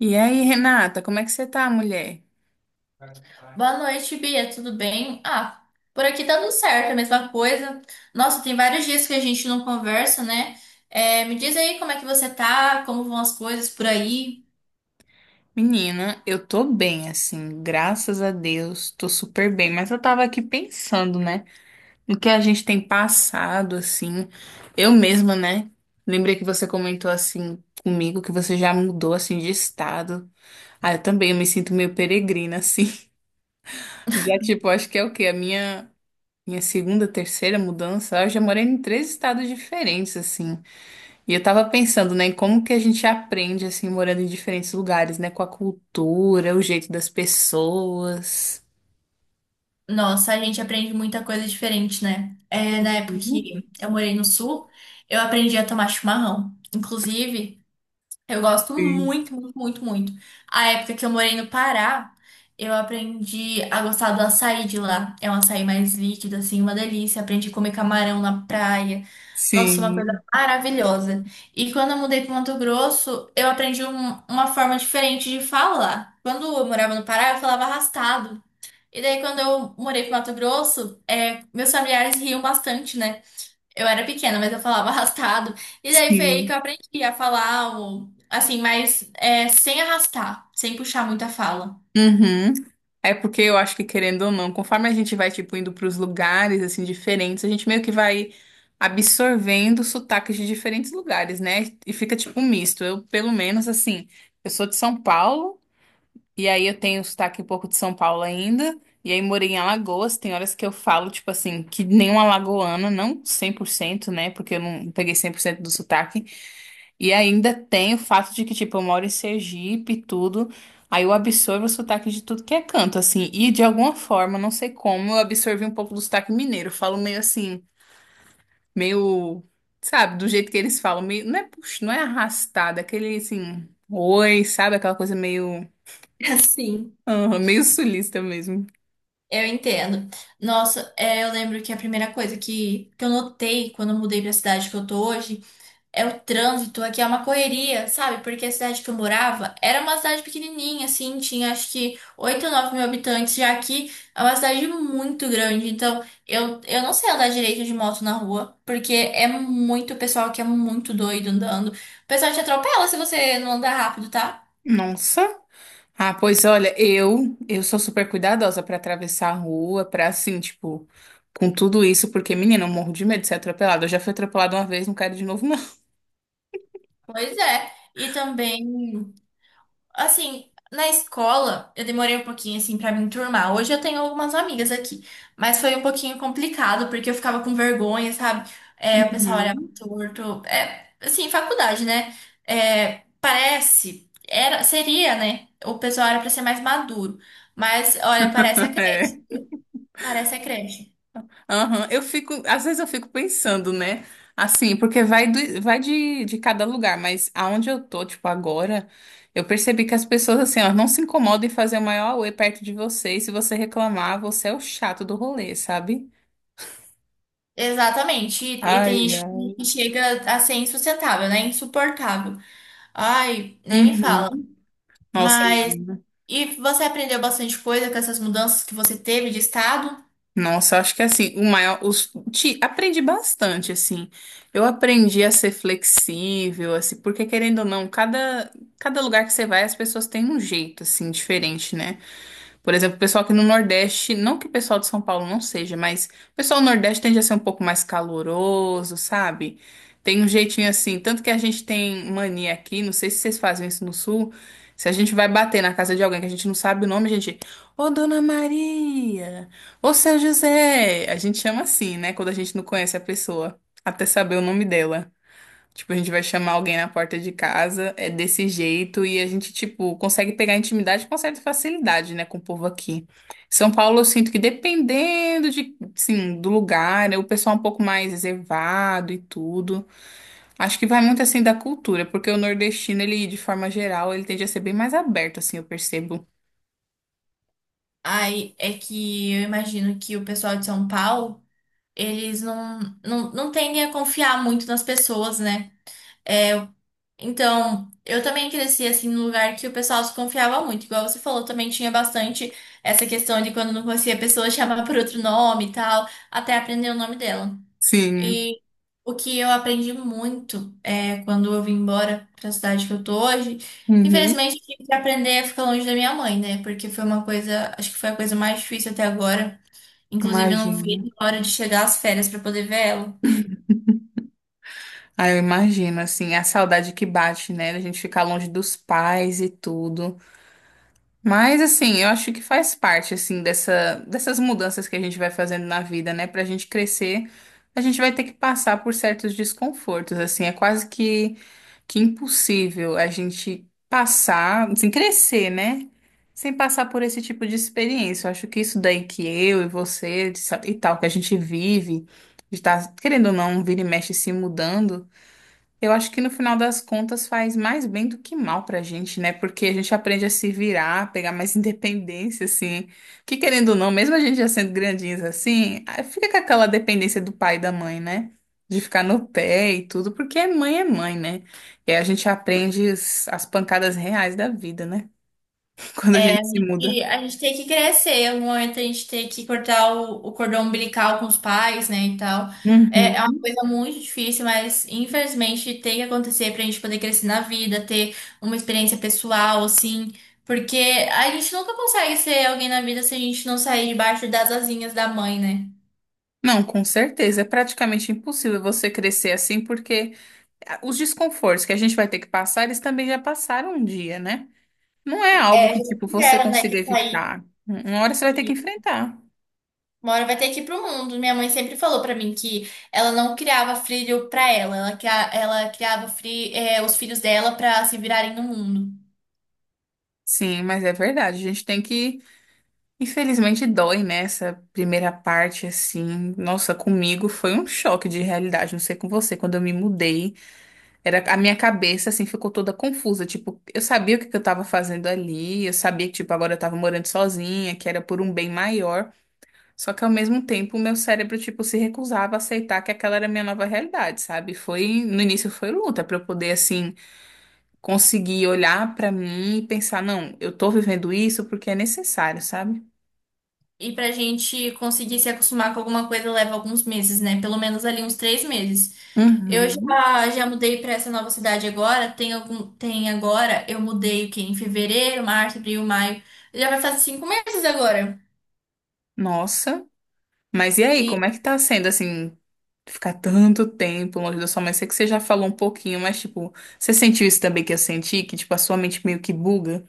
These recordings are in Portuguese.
E aí, Renata, como é que você tá, mulher? Boa noite, Bia, tudo bem? Ah, por aqui tá tudo certo, a mesma coisa. Nossa, tem vários dias que a gente não conversa, né? É, me diz aí como é que você tá, como vão as coisas por aí. Menina, eu tô bem, assim, graças a Deus, tô super bem, mas eu tava aqui pensando, né, no que a gente tem passado, assim, eu mesma, né, lembrei que você comentou, assim, comigo, que você já mudou, assim, de estado. Ah, eu também, eu me sinto meio peregrina, assim, já, tipo, acho que é o quê, a minha segunda, terceira mudança, eu já morei em três estados diferentes, assim. E eu tava pensando, né, em como que a gente aprende, assim, morando em diferentes lugares, né, com a cultura, o jeito das pessoas. Nossa, a gente aprende muita coisa diferente, né? É, na época que eu morei no sul, eu aprendi a tomar chimarrão. Inclusive, eu gosto Sim, muito, muito, muito, muito. A época que eu morei no Pará, eu aprendi a gostar do açaí de lá. É um açaí mais líquido, assim, uma delícia. Aprendi a comer camarão na praia. Nossa, uma coisa sim. maravilhosa. E quando eu mudei para Mato Grosso, eu aprendi uma forma diferente de falar. Quando eu morava no Pará, eu falava arrastado. E daí, quando eu morei para Mato Grosso, é, meus familiares riam bastante, né? Eu era pequena, mas eu falava arrastado. E daí foi aí que Sim. eu aprendi a falar, o, assim, mas é, sem arrastar, sem puxar muito a fala. Uhum. É porque eu acho que, querendo ou não, conforme a gente vai, tipo, indo pros lugares, assim, diferentes, a gente meio que vai absorvendo sotaques de diferentes lugares, né, e fica, tipo, um misto. Eu, pelo menos, assim, eu sou de São Paulo. E aí eu tenho sotaque um pouco de São Paulo ainda. E aí morei em Alagoas. Tem horas que eu falo, tipo assim, que nem uma alagoana, não 100%, né? Porque eu não peguei 100% do sotaque. E ainda tem o fato de que, tipo, eu moro em Sergipe e tudo. Aí eu absorvo o sotaque de tudo que é canto, assim. E de alguma forma, não sei como, eu absorvi um pouco do sotaque mineiro. Eu falo meio assim, meio, sabe, do jeito que eles falam. Meio, não é, puxa, não é arrastado, é aquele assim, oi, sabe? Aquela coisa meio, Sim. aham, meio sulista mesmo. Eu entendo. Nossa, é, eu lembro que a primeira coisa que eu notei quando eu mudei pra cidade que eu tô hoje. É o trânsito aqui, é uma correria, sabe? Porque a cidade que eu morava era uma cidade pequenininha, assim, tinha acho que 8 ou 9 mil habitantes, já aqui é uma cidade muito grande, então eu não sei andar direito de moto na rua, porque é muito pessoal que é muito doido andando. O pessoal te atropela se você não andar rápido, tá? Nossa. Ah, pois olha, eu sou super cuidadosa pra atravessar a rua, pra assim, tipo, com tudo isso, porque menina, eu morro de medo de ser atropelada. Eu já fui atropelada uma vez, não quero de novo, não. Pois é. E também. Assim, na escola, eu demorei um pouquinho, assim, pra me enturmar. Hoje eu tenho algumas amigas aqui, mas foi um pouquinho complicado, porque eu ficava com vergonha, sabe? É, o pessoal olhava Uhum. torto. É, assim, faculdade, né? É, parece, era, seria, né? O pessoal era pra ser mais maduro. Mas, olha, parece a creche. É. Parece a creche. Aham. Eu fico, às vezes eu fico pensando, né? Assim, porque vai, vai de cada lugar, mas aonde eu tô, tipo, agora, eu percebi que as pessoas, assim, ó, não se incomodam em fazer o maior auê perto de você, e se você reclamar, você é o chato do rolê, sabe? Exatamente. E Ai, tem gente ai. que chega a ser insustentável, né? Insuportável. Ai, nem me fala. Uhum. Nossa, Mas. menina. E você aprendeu bastante coisa com essas mudanças que você teve de estado? Nossa, acho que é assim, o maior, os, te, aprendi bastante, assim. Eu aprendi a ser flexível, assim, porque querendo ou não, cada lugar que você vai, as pessoas têm um jeito, assim, diferente, né? Por exemplo, o pessoal aqui no Nordeste, não que o pessoal de São Paulo não seja, mas o pessoal do Nordeste tende a ser um pouco mais caloroso, sabe? Tem um jeitinho assim, tanto que a gente tem mania aqui, não sei se vocês fazem isso no Sul, se a gente vai bater na casa de alguém que a gente não sabe o nome, a gente, ô Dona Maria, ô Seu José, a gente chama assim, né, quando a gente não conhece a pessoa, até saber o nome dela. Tipo, a gente vai chamar alguém na porta de casa, é desse jeito, e a gente, tipo, consegue pegar intimidade com certa facilidade, né, com o povo aqui. São Paulo, eu sinto que dependendo de, sim, do lugar, né, o pessoal é um pouco mais reservado e tudo. Acho que vai muito, assim, da cultura, porque o nordestino, ele, de forma geral, ele tende a ser bem mais aberto, assim, eu percebo. Aí é que eu imagino que o pessoal de São Paulo, eles não, não, não tendem a confiar muito nas pessoas, né? É, então, eu também cresci assim num lugar que o pessoal se confiava muito. Igual você falou, também tinha bastante essa questão de quando não conhecia a pessoa chamar por outro nome e tal, até aprender o nome dela. Sim. E o que eu aprendi muito é quando eu vim embora para a cidade que eu tô hoje. Uhum. Infelizmente, eu tive que aprender a ficar longe da minha mãe, né? Porque foi uma coisa, acho que foi a coisa mais difícil até agora. Inclusive, eu não Imagino. vi a hora de chegar às férias para poder ver ela. Ah, eu imagino, assim, a saudade que bate, né, da gente ficar longe dos pais e tudo. Mas assim, eu acho que faz parte assim dessa, dessas mudanças que a gente vai fazendo na vida, né? Pra gente crescer, a gente vai ter que passar por certos desconfortos, assim, é quase que impossível a gente passar, assim, crescer, né? Sem passar por esse tipo de experiência. Eu acho que isso daí que eu e você de sa- e tal que a gente vive, de estar, querendo ou não, vira e mexe se mudando. Eu acho que no final das contas faz mais bem do que mal pra gente, né? Porque a gente aprende a se virar, a pegar mais independência, assim. Que querendo ou não, mesmo a gente já sendo grandinhos assim, ah, fica com aquela dependência do pai e da mãe, né? De ficar no pé e tudo, porque mãe é mãe, né? E aí a gente aprende as pancadas reais da vida, né? Quando a É, gente a se muda. gente, a gente tem que crescer, um momento a gente tem que cortar o cordão umbilical com os pais, né, e tal. É, é uma Uhum. coisa muito difícil, mas infelizmente tem que acontecer pra gente poder crescer na vida, ter uma experiência pessoal, assim, porque a gente nunca consegue ser alguém na vida se a gente não sair debaixo das asinhas da mãe, né? Não, com certeza. É praticamente impossível você crescer assim, porque ah, os desconfortos que a gente vai ter que passar, eles também já passaram um dia, né? Não é algo É, que, já tipo, você tiveram, né, consiga que sair. evitar. Uma hora você vai ter que enfrentar. Uma hora vai ter que ir pro mundo. Minha mãe sempre falou pra mim que ela não criava filho pra ela, ela, os filhos dela pra se virarem no mundo. Sim, mas é verdade. A gente tem que. Infelizmente, dói, né? Essa primeira parte, assim. Nossa, comigo foi um choque de realidade. Não sei com você. Quando eu me mudei, era a minha cabeça, assim, ficou toda confusa. Tipo, eu sabia o que que eu tava fazendo ali. Eu sabia que, tipo, agora eu tava morando sozinha, que era por um bem maior. Só que ao mesmo tempo, o meu cérebro, tipo, se recusava a aceitar que aquela era a minha nova realidade, sabe? Foi. No início foi luta pra eu poder, assim, conseguir olhar pra mim e pensar, não, eu tô vivendo isso porque é necessário, sabe? E pra gente conseguir se acostumar com alguma coisa leva alguns meses, né? Pelo menos ali uns 3 meses. Eu Uhum. já, já mudei pra essa nova cidade agora. Tem agora, eu mudei o quê? Em fevereiro, março, abril, maio. Já vai fazer 5 meses agora. Nossa. Mas e aí, E como é que tá sendo assim, ficar tanto tempo longe da sua mãe? Sei que você já falou um pouquinho, mas tipo, você sentiu isso também que eu senti, que tipo a sua mente meio que buga?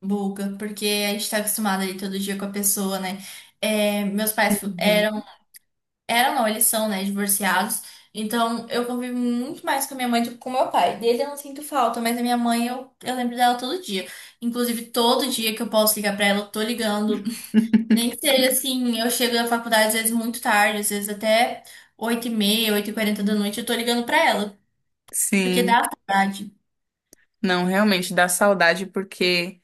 buga, porque a gente tá acostumado ali todo dia com a pessoa, né? É, meus pais eram. Uhum. Eram, não, eles são, né, divorciados. Então, eu convivo muito mais com a minha mãe do que com o meu pai. Dele eu não sinto falta, mas a minha mãe eu lembro dela todo dia. Inclusive, todo dia que eu posso ligar pra ela, eu tô ligando. Nem que seja assim, eu chego da faculdade às vezes muito tarde, às vezes até 8h30 8h40 da noite, eu tô ligando pra ela. Porque Sim. dá saudade. Não, realmente dá saudade porque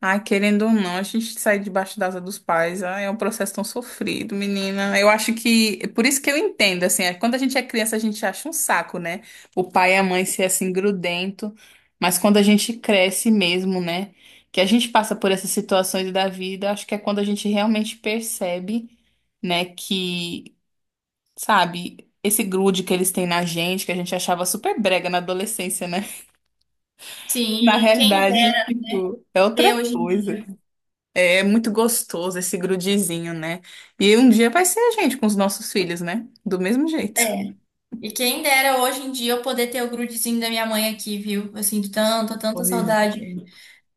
ai, querendo ou não, a gente sair debaixo da asa dos pais, ai, é um processo tão sofrido, menina. Eu acho que, por isso que eu entendo, assim, é, quando a gente é criança, a gente acha um saco, né? O pai e a mãe ser assim grudento, mas quando a gente cresce mesmo, né? Que a gente passa por essas situações da vida, acho que é quando a gente realmente percebe, né, que, sabe, esse grude que eles têm na gente, que a gente achava super brega na adolescência, né? Na Sim, e quem realidade, dera tipo, é ter outra hoje em coisa. dia. É muito gostoso esse grudizinho, né? E um dia vai ser a gente com os nossos filhos, né? Do mesmo jeito. É. E quem dera hoje em dia eu poder ter o grudezinho da minha mãe aqui, viu? Eu sinto tanta, tanta Pois saudade. é.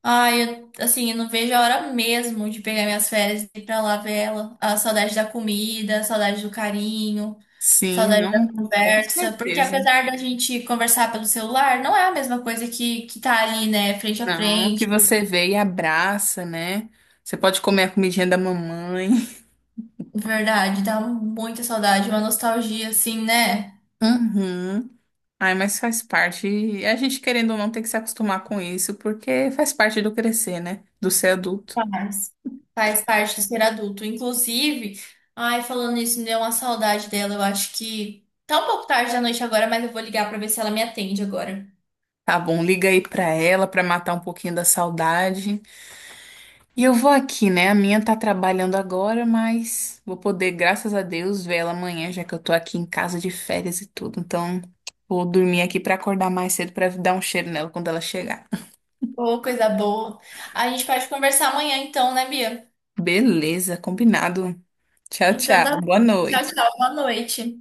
Ai, eu, assim, eu não vejo a hora mesmo de pegar minhas férias e ir pra lá ver ela. A saudade da comida, a saudade do carinho, Sim, saudade da não, com conversa. Porque certeza. apesar da gente conversar pelo celular, não é a mesma coisa que tá ali, né, frente a Não, que frente. você vê e abraça, né? Você pode comer a comidinha da mamãe. Verdade, dá muita saudade, uma nostalgia, assim, né? Uhum. Ai, mas faz parte. E a gente, querendo ou não, tem que se acostumar com isso, porque faz parte do crescer, né? Do ser adulto. Faz. Faz parte de ser adulto. Inclusive, ai, falando isso, me deu uma saudade dela. Eu acho que tá um pouco tarde da noite agora, mas eu vou ligar pra ver se ela me atende agora. Tá bom, liga aí pra ela pra matar um pouquinho da saudade. E eu vou aqui, né? A minha tá trabalhando agora, mas vou poder, graças a Deus, ver ela amanhã, já que eu tô aqui em casa de férias e tudo. Então, vou dormir aqui pra acordar mais cedo pra dar um cheiro nela quando ela chegar. Ô, coisa boa. A gente pode conversar amanhã, então, né, Bia? Beleza, combinado. Tchau, Então, tchau. tá Boa bom. Tchau, noite. tchau. Boa noite.